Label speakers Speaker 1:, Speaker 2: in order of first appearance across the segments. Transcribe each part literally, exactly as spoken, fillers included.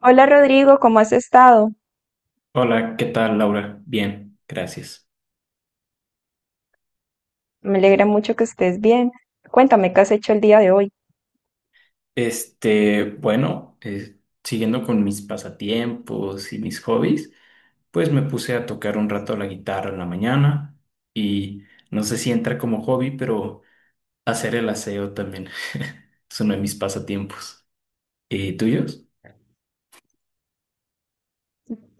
Speaker 1: Hola Rodrigo, ¿cómo has estado?
Speaker 2: Hola, ¿qué tal, Laura? Bien, gracias.
Speaker 1: Me alegra mucho que estés bien. Cuéntame qué has hecho el día de hoy.
Speaker 2: Este, bueno, eh, siguiendo con mis pasatiempos y mis hobbies, pues me puse a tocar un rato la guitarra en la mañana y no sé si entra como hobby, pero hacer el aseo también es uno de mis pasatiempos. ¿Y tuyos?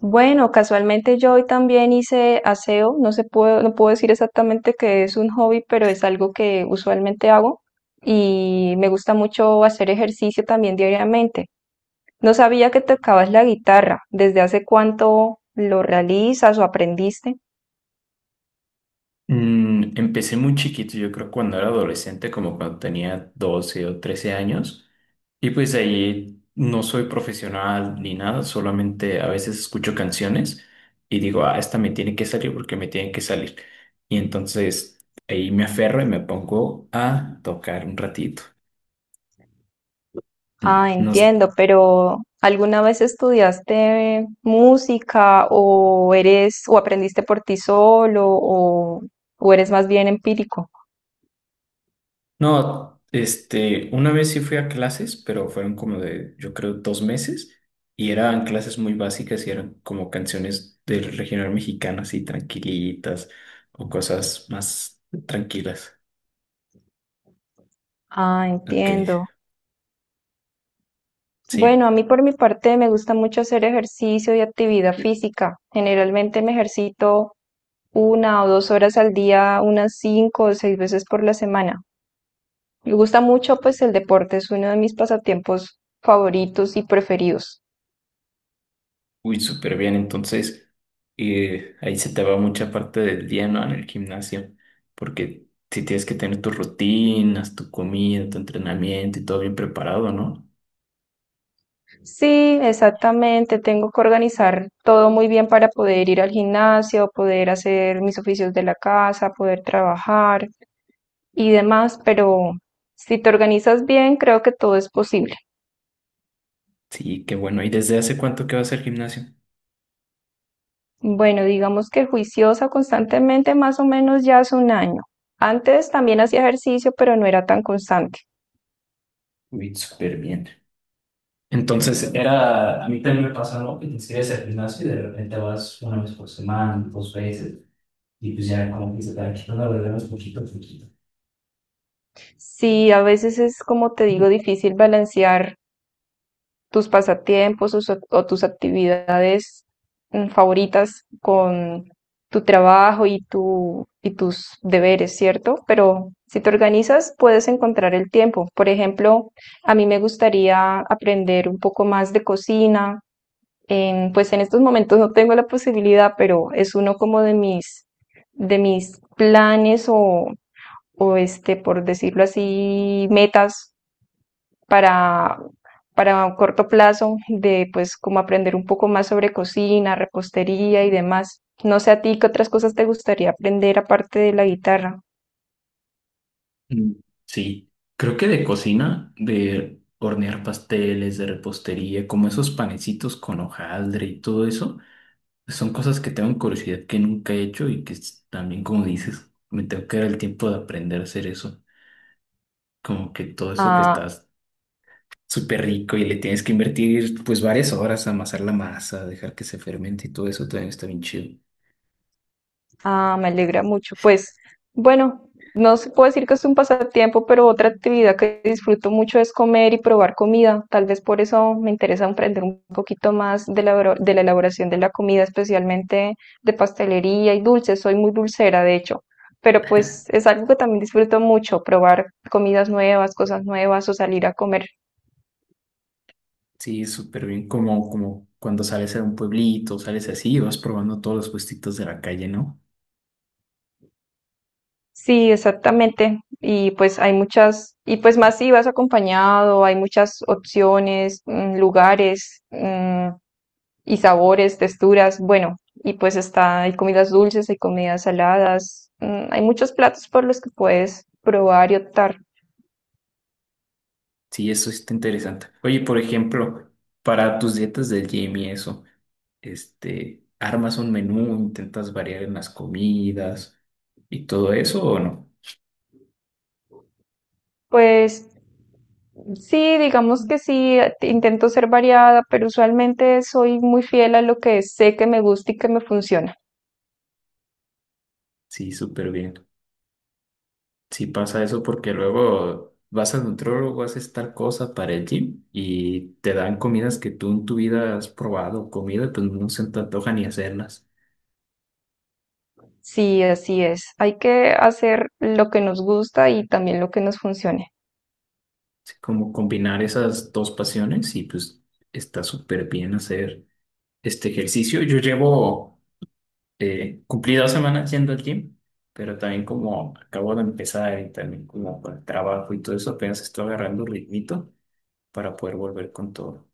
Speaker 1: Bueno, casualmente yo hoy también hice aseo. No se puedo, no puedo decir exactamente que es un hobby, pero es algo que usualmente hago y me gusta mucho hacer ejercicio también diariamente. No sabía que tocabas la guitarra. ¿Desde hace cuánto lo realizas o aprendiste?
Speaker 2: Mm, empecé muy chiquito, yo creo cuando era adolescente, como cuando tenía doce o trece años. Y pues ahí no soy profesional ni nada, solamente a veces escucho canciones y digo, ah, esta me tiene que salir porque me tiene que salir. Y entonces ahí me aferro y me pongo a tocar un ratito. Mm,
Speaker 1: Ah,
Speaker 2: No,
Speaker 1: entiendo, pero ¿alguna vez estudiaste música o eres o aprendiste por ti solo o, o eres más bien empírico?
Speaker 2: No, este, una vez sí fui a clases, pero fueron como de, yo creo, dos meses y eran clases muy básicas y eran como canciones del regional mexicano, así tranquilitas o cosas más tranquilas.
Speaker 1: Ah,
Speaker 2: Ok,
Speaker 1: entiendo.
Speaker 2: sí,
Speaker 1: Bueno, a mí por mi parte me gusta mucho hacer ejercicio y actividad física. Generalmente me ejercito una o dos horas al día, unas cinco o seis veces por la semana. Me gusta mucho, pues el deporte es uno de mis pasatiempos favoritos y preferidos.
Speaker 2: uy, súper bien. Entonces, eh, ahí se te va mucha parte del día, ¿no? En el gimnasio, porque si tienes que tener tus rutinas, tu comida, tu entrenamiento y todo bien preparado, ¿no?
Speaker 1: Sí, exactamente. Tengo que organizar todo muy bien para poder ir al gimnasio, poder hacer mis oficios de la casa, poder trabajar y demás, pero si te organizas bien, creo que todo es posible.
Speaker 2: Sí, qué bueno. ¿Y desde hace cuánto que vas al gimnasio?
Speaker 1: Bueno, digamos que juiciosa constantemente, más o menos ya hace un año. Antes también hacía ejercicio, pero no era tan constante.
Speaker 2: Uy, súper bien. Entonces era, a mí también me pasa, ¿no? Que te inscribes al gimnasio y de repente vas una vez por semana, dos veces, y pues ya como que se te va quitando los problemas poquito a poquito.
Speaker 1: Sí, a veces es como te digo, difícil balancear tus pasatiempos o, so- o tus actividades mm, favoritas con tu trabajo y tu, y tus deberes, ¿cierto? Pero si te organizas, puedes encontrar el tiempo. Por ejemplo, a mí me gustaría aprender un poco más de cocina. En- pues en estos momentos no tengo la posibilidad, pero es uno como de mis, de mis planes o, o este, por decirlo así, metas para, para un corto plazo de pues como aprender un poco más sobre cocina, repostería y demás. No sé a ti qué otras cosas te gustaría aprender aparte de la guitarra.
Speaker 2: Mm, Sí, creo que de cocina, de hornear pasteles, de repostería, como esos panecitos con hojaldre y todo eso, son cosas que tengo curiosidad que nunca he hecho y que s- también, como dices, me tengo que dar el tiempo de aprender a hacer eso. Como que todo eso que
Speaker 1: Ah,
Speaker 2: estás súper rico y le tienes que invertir pues varias horas a amasar la masa, dejar que se fermente y todo eso también está bien chido.
Speaker 1: ah, me alegra mucho. Pues bueno, no se puede decir que es un pasatiempo, pero otra actividad que disfruto mucho es comer y probar comida. Tal vez por eso me interesa aprender un poquito más de la, oro- de la elaboración de la comida, especialmente de pastelería y dulces. Soy muy dulcera, de hecho. Pero pues es algo que también disfruto mucho, probar comidas nuevas, cosas nuevas o salir a comer.
Speaker 2: Sí, es súper bien, como, como cuando sales a un pueblito, sales así y vas probando todos los puestitos de la calle, ¿no?
Speaker 1: Sí, exactamente. Y pues hay muchas, y pues más si vas acompañado, hay muchas opciones, mm, lugares, mm, y sabores, texturas. Bueno, y pues está, hay comidas dulces, hay comidas saladas, mm, hay muchos platos por los que puedes probar y optar.
Speaker 2: Sí, eso está interesante. Oye, por ejemplo, para tus dietas del gym y eso, este, ¿armas un menú, intentas variar en las comidas y todo eso o no?
Speaker 1: Pues sí, digamos que sí, eh, intento ser variada, pero usualmente soy muy fiel a lo que sé que me gusta y que me funciona.
Speaker 2: Sí, súper bien. Si pasa eso porque luego vas a nutrólogo, haces tal cosa para el gym y te dan comidas que tú en tu vida has probado, comida, pues no se te antoja ni hacerlas.
Speaker 1: Sí, así es. Hay que hacer lo que nos gusta y también lo que nos funcione.
Speaker 2: Así como combinar esas dos pasiones y pues está súper bien hacer este ejercicio. Yo llevo eh, cumplí dos semanas yendo al gym, pero también como acabo de empezar y también como con el trabajo y todo eso, apenas estoy agarrando ritmito para poder volver con todo.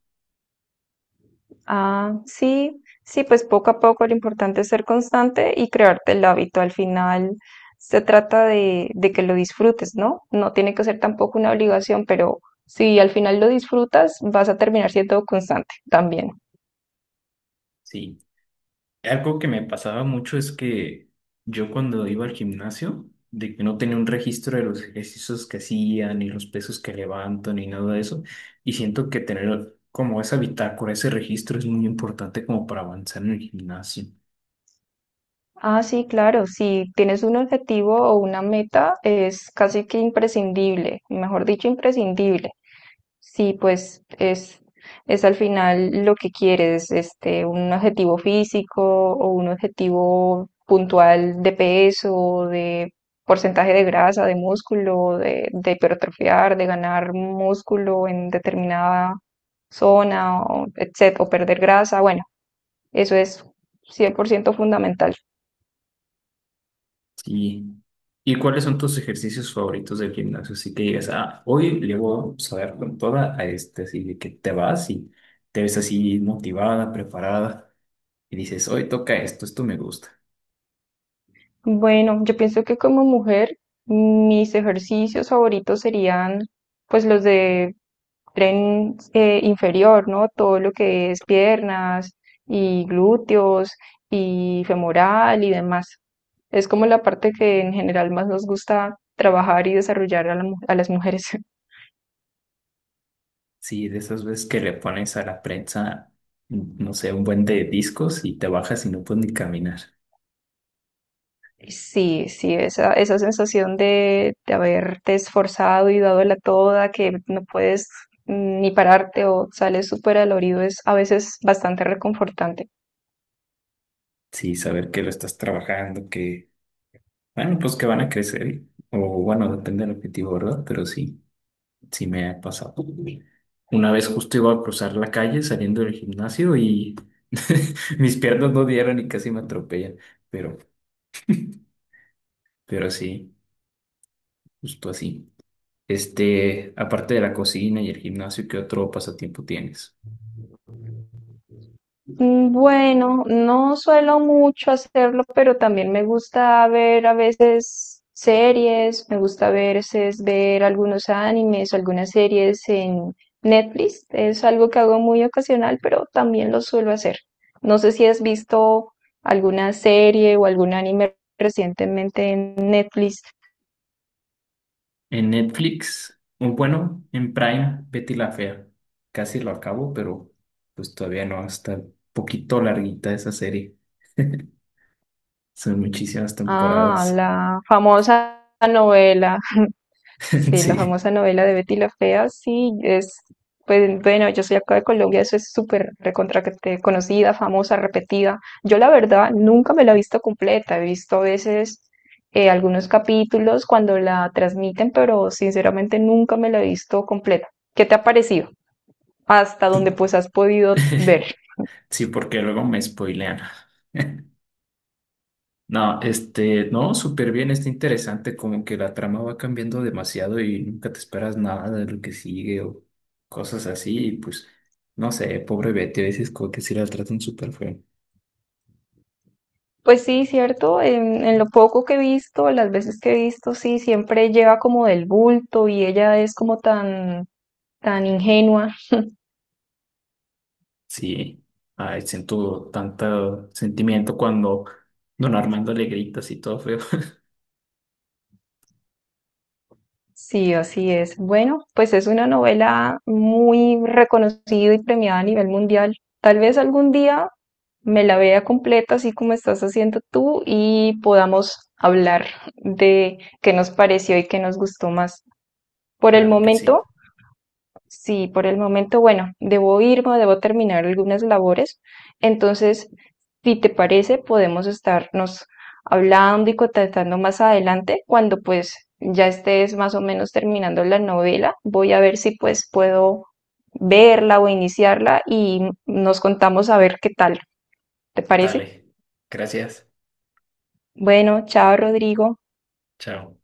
Speaker 1: Ah, sí, sí, pues poco a poco lo importante es ser constante y crearte el hábito. Al final se trata de, de que lo disfrutes, ¿no? No tiene que ser tampoco una obligación, pero si al final lo disfrutas, vas a terminar siendo constante también.
Speaker 2: Sí. Algo que me pasaba mucho es que yo cuando iba al gimnasio, de que no tenía un registro de los ejercicios que hacía, ni los pesos que levanto, ni nada de eso, y siento que tener como esa bitácora, ese registro es muy importante como para avanzar en el gimnasio.
Speaker 1: Ah, sí, claro, si tienes un objetivo o una meta, es casi que imprescindible, mejor dicho, imprescindible. Sí, pues es, es al final lo que quieres, este, un objetivo físico o un objetivo puntual de peso, de porcentaje de grasa, de músculo, de, de hipertrofiar, de ganar músculo en determinada zona, o, etc- o perder grasa. Bueno, eso es cien por ciento fundamental.
Speaker 2: Sí. ¿Y cuáles son tus ejercicios favoritos del gimnasio? Así que digas, ah, hoy le voy a dar con toda a este, así de que te vas y te ves así motivada, preparada, y dices, hoy toca esto, esto me gusta.
Speaker 1: Bueno, yo pienso que como mujer, mis ejercicios favoritos serían pues los de tren eh, inferior, ¿no? Todo lo que es piernas y glúteos y femoral y demás. Es como la parte que en general más nos gusta trabajar y desarrollar a, la mu- a las mujeres.
Speaker 2: Sí, de esas veces que le pones a la prensa, no sé, un buen de discos y te bajas y no puedes ni caminar.
Speaker 1: Sí, sí, esa, esa sensación de, de haberte esforzado y dado la toda, que no puedes mm, ni pararte o sales súper dolorido es a veces bastante reconfortante.
Speaker 2: Sí, saber que lo estás trabajando, que, bueno, pues que van a crecer, o bueno, depende del objetivo, ¿verdad? Pero sí, sí me ha pasado. Una vez justo iba a cruzar la calle saliendo del gimnasio y mis piernas no dieron y casi me atropellan, pero, pero sí, justo así. Este, aparte de la cocina y el gimnasio, ¿qué otro pasatiempo tienes?
Speaker 1: Mm, Bueno, no suelo mucho hacerlo, pero también me gusta ver a veces series, me gusta a veces ver algunos animes o algunas series en Netflix. Es algo que hago muy ocasional, pero también lo suelo hacer. No sé si has visto alguna serie o algún anime recientemente en Netflix.
Speaker 2: En Netflix, un bueno, en Prime, Betty la Fea. Casi lo acabo, pero pues todavía no, está un poquito larguita esa serie. Son muchísimas
Speaker 1: Ah,
Speaker 2: temporadas.
Speaker 1: la famosa novela. Sí, la
Speaker 2: Sí,
Speaker 1: famosa novela de Betty la Fea, sí, es, pues bueno, yo soy acá de Colombia, eso es súper recontra que te- conocida, famosa, repetida. Yo la verdad nunca me la he visto completa, he visto a veces eh, algunos capítulos cuando la transmiten, pero sinceramente nunca me la he visto completa. ¿Qué te ha parecido? Hasta donde
Speaker 2: Su-
Speaker 1: pues has podido ver.
Speaker 2: sí, porque luego me spoilean. No, este, no, súper bien, está interesante, como que la trama va cambiando demasiado y nunca te esperas nada de lo que sigue o cosas así, y pues, no sé, pobre Betty, a veces como que sí la tratan súper feo.
Speaker 1: Pues sí, cierto, en, en lo poco que he visto, las veces que he visto, sí, siempre lleva como del bulto y ella es como tan tan ingenua.
Speaker 2: Sí, ay, siento tanto sentimiento cuando don Armando le grita así todo feo.
Speaker 1: Sí, así es. Bueno, pues es una novela muy reconocida y premiada a nivel mundial. Tal vez algún día me la vea completa, así como estás haciendo tú, y podamos hablar de qué nos pareció y qué nos gustó más. Por el
Speaker 2: Claro que sí.
Speaker 1: momento, sí, por el momento, bueno, debo irme, debo terminar algunas labores. Entonces, si te parece, podemos estarnos hablando y contactando más adelante cuando pues ya estés más o menos terminando la novela. Voy a ver si pues puedo verla o iniciarla y nos contamos a ver qué tal. ¿Te parece?
Speaker 2: Dale. Gracias.
Speaker 1: Bueno, chao, Rodrigo.
Speaker 2: Chao.